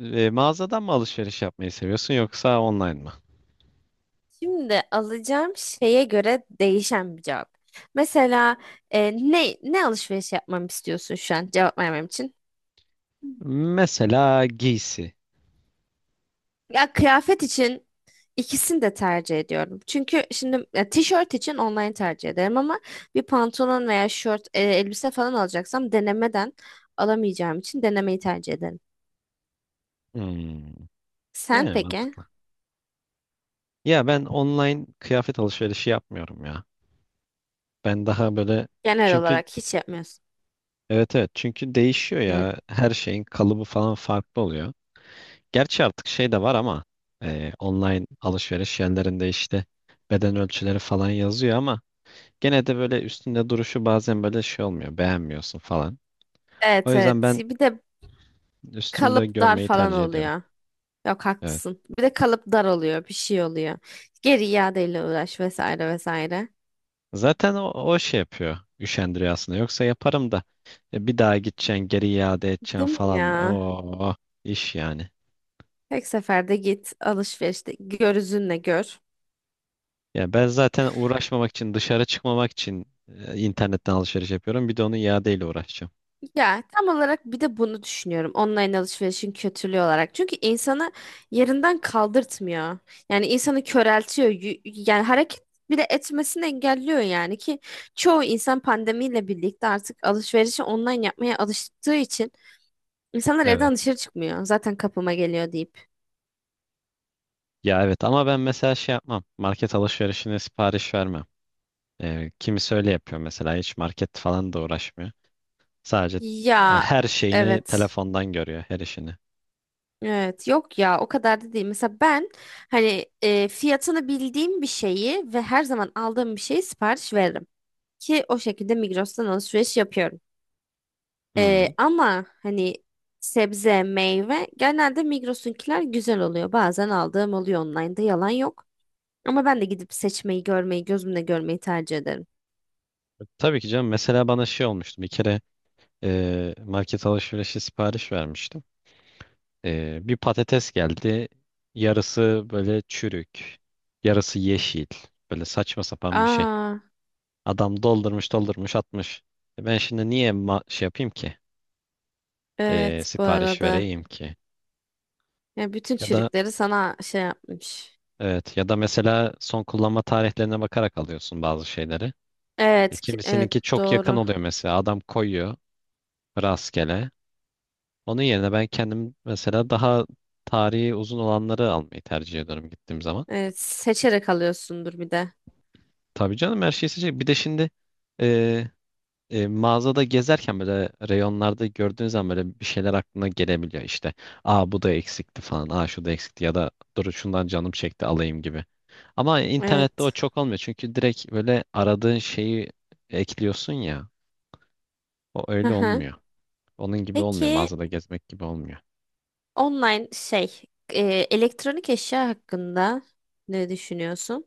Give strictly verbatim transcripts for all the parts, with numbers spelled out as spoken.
E, mağazadan mı alışveriş yapmayı seviyorsun yoksa online mı? Şimdi alacağım şeye göre değişen bir cevap. Mesela e, ne ne alışveriş yapmamı istiyorsun şu an cevap vermem için? Mesela giysi. Ya kıyafet için ikisini de tercih ediyorum. Çünkü şimdi ya, tişört için online tercih ederim ama bir pantolon veya şort, e, elbise falan alacaksam denemeden alamayacağım için denemeyi tercih ederim. Hmm. Sen Yani peki? mantıklı. Ya ben online kıyafet alışverişi yapmıyorum ya. Ben daha böyle Genel çünkü olarak hiç yapmıyorsun. evet evet çünkü değişiyor Hmm. ya. Her şeyin kalıbı falan farklı oluyor. Gerçi artık şey de var ama e, online alışveriş yerlerinde işte beden ölçüleri falan yazıyor ama gene de böyle üstünde duruşu bazen böyle şey olmuyor. Beğenmiyorsun falan. O Evet, yüzden evet. ben Bir de üstümde kalıp dar görmeyi falan tercih ediyorum. oluyor. Yok, Evet. haklısın. Bir de kalıp dar oluyor, bir şey oluyor. Geri iadeyle uğraş vesaire vesaire. Zaten o, o şey yapıyor. Üşendiriyor aslında. Yoksa yaparım da e, bir daha gideceksin, geri iade edeceksin Değil mi falan. ya? Oo, iş yani. Tek seferde git alışverişte gözünle gör. Ya ben zaten uğraşmamak için, dışarı çıkmamak için e, internetten alışveriş yapıyorum. Bir de onu iadeyle uğraşacağım. Ya tam olarak bir de bunu düşünüyorum. Online alışverişin kötülüğü olarak. Çünkü insanı yerinden kaldırtmıyor. Yani insanı köreltiyor. Y- Yani hareket bile etmesini engelliyor yani ki çoğu insan pandemiyle birlikte artık alışverişi online yapmaya alıştığı için insanlar evden Evet. dışarı çıkmıyor. Zaten kapıma geliyor deyip. Ya evet ama ben mesela şey yapmam. Market alışverişine sipariş vermem. Ee, kimisi öyle yapıyor mesela. Hiç market falan da uğraşmıyor. Sadece e, Ya her şeyini evet. telefondan görüyor, her işini. Evet, yok ya o kadar da değil. Mesela ben hani e, fiyatını bildiğim bir şeyi ve her zaman aldığım bir şeyi sipariş veririm. Ki o şekilde Migros'tan alışveriş yapıyorum. E, Hmm. ama hani sebze, meyve genelde Migros'unkiler güzel oluyor. Bazen aldığım oluyor online'da, yalan yok. Ama ben de gidip seçmeyi, görmeyi, gözümle görmeyi tercih ederim. Tabii ki canım. Mesela bana şey olmuştu. Bir kere e, market alışverişi sipariş vermiştim. E, bir patates geldi. Yarısı böyle çürük, yarısı yeşil. Böyle saçma sapan bir şey. Aa, Adam doldurmuş, doldurmuş, atmış. E ben şimdi niye ma- şey yapayım ki? E, evet, bu sipariş arada. vereyim ki? Ya bütün Ya da çürükleri sana şey yapmış. evet ya da mesela son kullanma tarihlerine bakarak alıyorsun bazı şeyleri. E, Evet, ki- evet, kimisininki çok yakın doğru. oluyor mesela. Adam koyuyor rastgele. Onun yerine ben kendim mesela daha tarihi uzun olanları almayı tercih ediyorum gittiğim zaman. Evet, seçerek alıyorsundur bir de. Tabii canım her şeyi seçecek. Bir de şimdi e, e, mağazada gezerken böyle reyonlarda gördüğün zaman böyle bir şeyler aklına gelebiliyor işte. Aa bu da eksikti falan. Aa şu da eksikti ya da dur şundan canım çekti alayım gibi. Ama internette o Evet. çok olmuyor. Çünkü direkt böyle aradığın şeyi ekliyorsun ya. O Hı öyle hı. olmuyor. Onun gibi olmuyor. Peki Mağazada gezmek gibi olmuyor. online şey, e, elektronik eşya hakkında ne düşünüyorsun?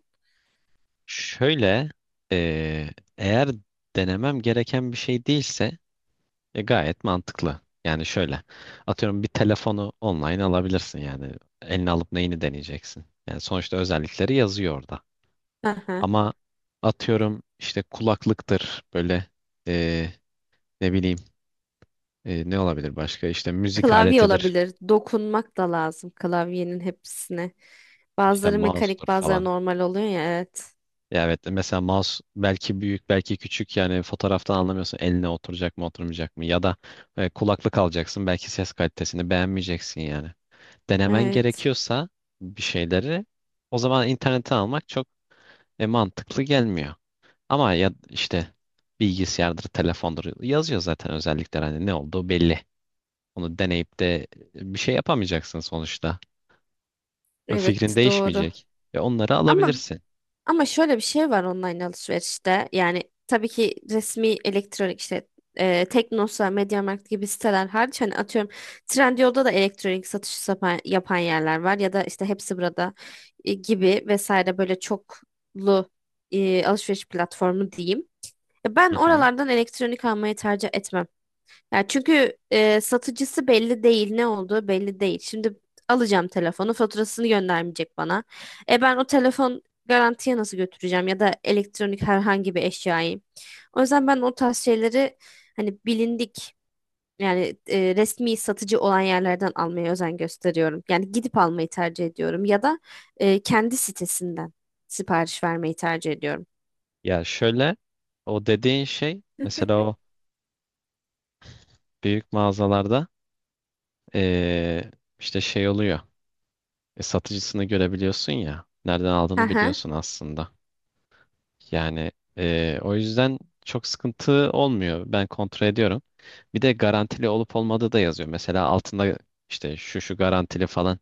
Şöyle, eee, eğer denemem gereken bir şey değilse e, gayet mantıklı. Yani şöyle, atıyorum bir telefonu online alabilirsin yani. Eline alıp neyini deneyeceksin. Yani sonuçta özellikleri yazıyor orada. Hı hı. Ama atıyorum işte kulaklıktır böyle eee, ne bileyim eee, ne olabilir başka işte müzik Klavye aletidir olabilir. Dokunmak da lazım klavyenin hepsine. işte Bazıları mouse'tur mekanik, bazıları falan. normal oluyor ya. Evet. Ya evet mesela mouse belki büyük belki küçük yani fotoğraftan anlamıyorsun eline oturacak mı oturmayacak mı ya da e, kulaklık alacaksın belki ses kalitesini beğenmeyeceksin yani. Denemen Evet. gerekiyorsa bir şeyleri o zaman internete almak çok e, mantıklı gelmiyor. Ama ya işte bilgisayardır, telefondur yazıyor zaten özellikler hani ne olduğu belli. Onu deneyip de e, bir şey yapamayacaksın sonuçta. Ve Fikrin Evet, doğru. değişmeyecek. Ve onları Ama alabilirsin. Ama şöyle bir şey var online alışverişte. Yani tabii ki resmi elektronik işte e, Teknosa, MediaMarkt gibi siteler hariç, hani atıyorum Trendyol'da da elektronik satışı yapan, yapan yerler var ya da işte hepsi burada e, gibi vesaire, böyle çoklu e, alışveriş platformu diyeyim. Ya Hı ben hı. oralardan elektronik almayı tercih etmem. Ya çünkü e, satıcısı belli değil, ne olduğu belli değil. Şimdi alacağım telefonu, faturasını göndermeyecek bana. E ben o telefon garantiye nasıl götüreceğim ya da elektronik herhangi bir eşyayı. O yüzden ben o tarz şeyleri, hani bilindik yani, e, resmi satıcı olan yerlerden almaya özen gösteriyorum. Yani gidip almayı tercih ediyorum ya da e, kendi sitesinden sipariş vermeyi tercih ediyorum. Ya şöyle o dediğin şey mesela o büyük mağazalarda eee, işte şey oluyor. E, satıcısını görebiliyorsun ya. Nereden Hı aldığını hı. biliyorsun aslında. Yani eee, o yüzden çok sıkıntı olmuyor. Ben kontrol ediyorum. Bir de garantili olup olmadığı da yazıyor. Mesela altında işte şu şu garantili falan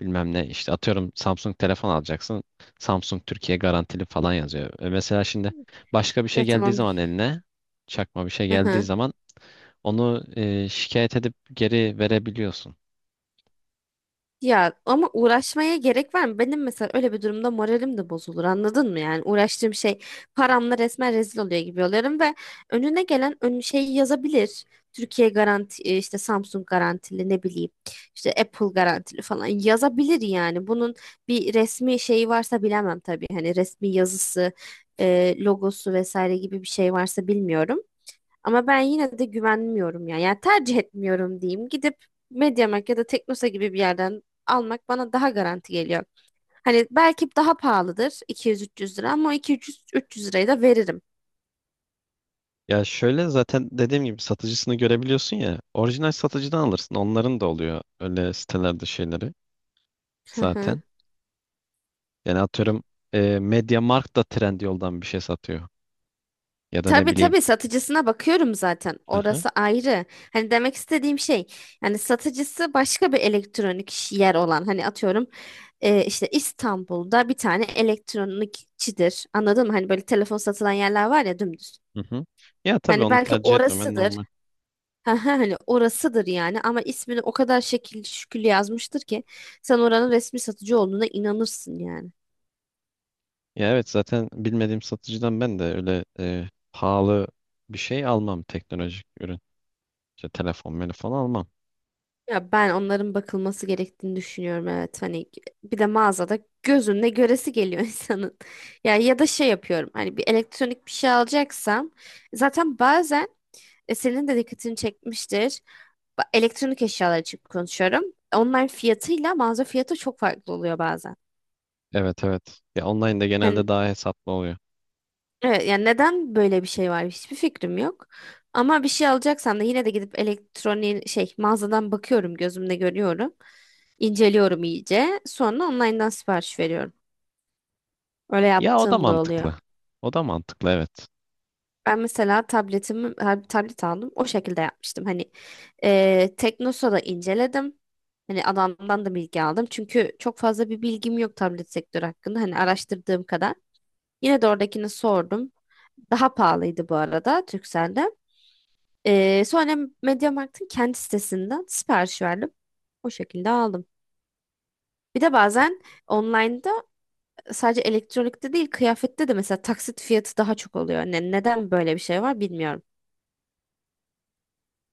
bilmem ne işte atıyorum Samsung telefon alacaksın. Samsung Türkiye garantili falan yazıyor. E mesela şimdi başka bir şey Ya geldiği tamam. zaman eline çakma bir şey geldiği zaman onu eee, şikayet edip geri verebiliyorsun. Ya ama uğraşmaya gerek var mı? Benim mesela öyle bir durumda moralim de bozulur, anladın mı? Yani uğraştığım şey paramla resmen rezil oluyor gibi oluyorum ve önüne gelen ön şeyi yazabilir. Türkiye garanti, e, işte Samsung garantili, ne bileyim işte Apple garantili falan yazabilir yani. Bunun bir resmi şeyi varsa bilemem tabii. Hani resmi yazısı, e, logosu vesaire gibi bir şey varsa bilmiyorum. Ama ben yine de güvenmiyorum yani. Yani tercih etmiyorum diyeyim. Gidip MediaMarkt ya da Teknosa gibi bir yerden almak bana daha garanti geliyor. Hani belki daha pahalıdır iki yüz üç yüz lira ama o iki yüz üç yüz lirayı da veririm. Ya şöyle zaten dediğim gibi satıcısını görebiliyorsun ya. Orijinal satıcıdan alırsın. Onların da oluyor öyle sitelerde şeyleri Hı hı. zaten. Yani atıyorum e, MediaMarkt da Trendyol'dan bir şey satıyor. Ya da ne Tabii, bileyim. tabii satıcısına bakıyorum zaten. Aha. Orası ayrı. Hani demek istediğim şey, yani satıcısı başka bir elektronik yer olan, hani atıyorum e, işte İstanbul'da bir tane elektronikçidir. Anladın mı? Hani böyle telefon satılan yerler var ya, dümdüz. Hı hı. Ya tabii Hani onu belki tercih etmemen orasıdır. normal. Ha ha, hani orasıdır yani, ama ismini o kadar şekilli şükür yazmıştır ki sen oranın resmi satıcı olduğuna inanırsın yani. Ya evet zaten bilmediğim satıcıdan ben de öyle e, pahalı bir şey almam teknolojik ürün. İşte telefon, telefon almam. Ya ben onların bakılması gerektiğini düşünüyorum, evet, hani bir de mağazada gözünle göresi geliyor insanın. Ya ya da şey yapıyorum, hani bir elektronik bir şey alacaksam zaten bazen e, senin de dikkatini çekmiştir. Ba- Elektronik eşyalar için konuşuyorum. Online fiyatıyla mağaza fiyatı çok farklı oluyor bazen. Evet evet. Ya online'da genelde Hani. daha hesaplı oluyor. Evet, yani neden böyle bir şey var hiçbir fikrim yok. Ama bir şey alacaksam da yine de gidip elektronik şey mağazadan bakıyorum, gözümle görüyorum. İnceliyorum iyice. Sonra online'dan sipariş veriyorum. Öyle Ya o da yaptığım da oluyor. mantıklı. O da mantıklı evet. Ben mesela tabletimi, ha, tablet aldım. O şekilde yapmıştım. Hani e, Teknosa'da inceledim. Hani adamdan da bilgi aldım. Çünkü çok fazla bir bilgim yok tablet sektörü hakkında. Hani araştırdığım kadar. Yine de oradakini sordum. Daha pahalıydı bu arada Turkcell'den. Ee, sonra MediaMarkt'ın kendi sitesinden sipariş verdim. O şekilde aldım. Bir de bazen online'da sadece elektronikte değil, kıyafette de mesela taksit fiyatı daha çok oluyor. Ne, neden böyle bir şey var bilmiyorum.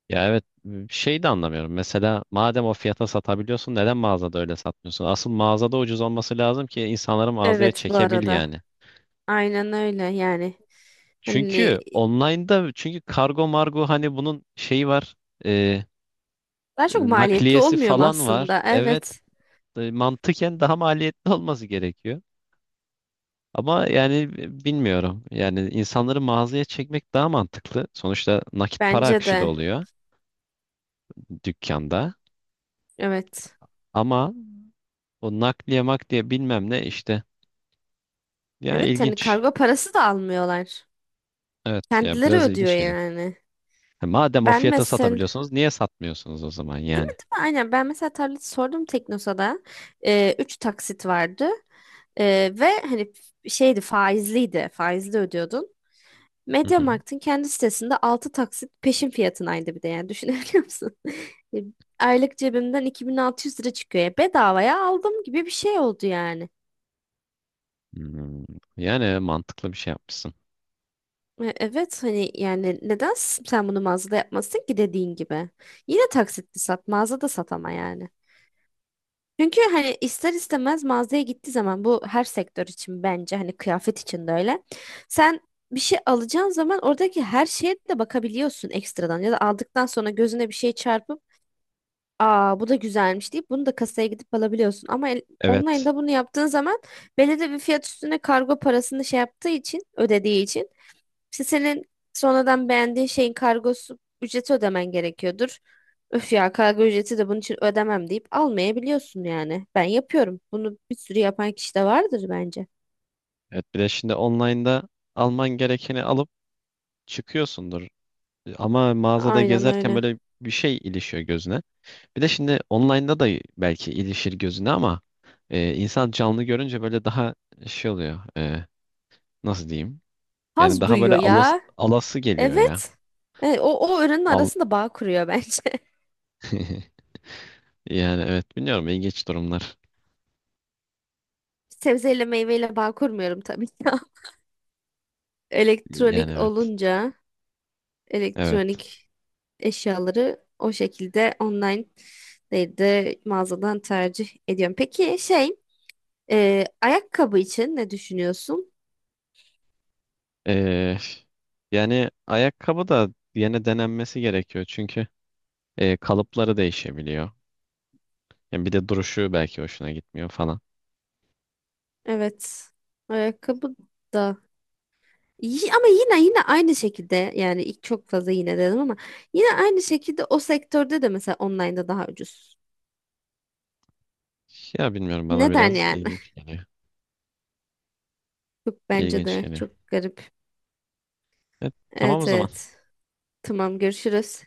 Ya evet şey de anlamıyorum. Mesela madem o fiyata satabiliyorsun neden mağazada öyle satmıyorsun? Asıl mağazada ucuz olması lazım ki insanları mağazaya Evet, bu çekebil arada. yani. Aynen öyle yani. Hani Çünkü online'da çünkü kargo margo hani bunun şeyi var. e, daha çok maliyetli nakliyesi olmuyor mu falan var. aslında? Evet Evet. e, mantıken daha maliyetli olması gerekiyor. Ama yani b- bilmiyorum. Yani insanları mağazaya çekmek daha mantıklı. Sonuçta nakit para Bence akışı da de. oluyor dükkanda. Evet. Ama o nakliye makliye bilmem ne işte. Yani Evet, yani ilginç. kargo parası da almıyorlar. Evet ya Kendileri biraz ödüyor ilginç geliyor. yani. Ha, Madem o Ben fiyata mesela. satabiliyorsunuz niye satmıyorsunuz o zaman Değil mi, yani? değil mi? Aynen. Ben mesela tarlacı sordum Teknosa'da. Ee, üç taksit vardı. Ee, ve hani f- şeydi, faizliydi. Faizli ödüyordun. Hı hı. MediaMarkt'ın kendi sitesinde altı taksit peşin fiyatınaydı bir de, yani düşünebiliyor musun? E, Aylık cebimden iki bin altı yüz lira çıkıyor. Ya bedavaya aldım gibi bir şey oldu yani. Hmm, Yani mantıklı bir şey yapmışsınız. E, Evet, hani yani neden s- sen bunu mağazada yapmasın ki, dediğin gibi. Yine taksitli sat, mağazada sat ama, yani. Çünkü hani ister istemez mağazaya gittiği zaman, bu her sektör için bence, hani kıyafet için de öyle. Sen bir şey alacağın zaman oradaki her şeye de bakabiliyorsun ekstradan, ya da aldıktan sonra gözüne bir şey çarpıp aa bu da güzelmiş deyip bunu da kasaya gidip alabiliyorsun. Ama el- Evet. online'da bunu yaptığın zaman belirli bir fiyat üstüne kargo parasını şey yaptığı için, ödediği için, işte senin sonradan beğendiğin şeyin kargosu ücreti ödemen gerekiyordur. Öf ya, kargo ücreti de bunun için ödemem deyip almayabiliyorsun yani. Ben yapıyorum. Bunu bir sürü yapan kişi de vardır bence. Evet bir de şimdi online'da alman gerekeni alıp çıkıyorsundur. Ama mağazada Aynen gezerken öyle. böyle bir şey ilişiyor gözüne. Bir de şimdi online'da da belki ilişir gözüne ama e, insan canlı görünce böyle daha şey oluyor. e, nasıl diyeyim? Yani Haz daha böyle duyuyor alas, ya. alası geliyor ya. Evet. E, o, o öğrenin Al arasında bağ kuruyor bence. Yani evet bilmiyorum ilginç durumlar. Sebzeyle meyveyle bağ kurmuyorum tabii ki. Yani Elektronik evet. olunca Evet. elektronik eşyaları o şekilde online değil de mağazadan tercih ediyorum. Peki şey. Ee, ayakkabı için ne düşünüyorsun? E, yani ayakkabı da yine denenmesi gerekiyor çünkü e, kalıpları değişebiliyor. Ya bir de duruşu belki hoşuna gitmiyor falan. Evet. Ayakkabı da. Y- Ama yine yine aynı şekilde, yani ilk çok fazla yine dedim ama yine aynı şekilde o sektörde de mesela online'da daha ucuz. Ya bilmiyorum bana Neden biraz yani? ilginç geliyor. Çok, bence İlginç de geliyor. çok garip. E, tamam o Evet, zaman. evet. Tamam, görüşürüz.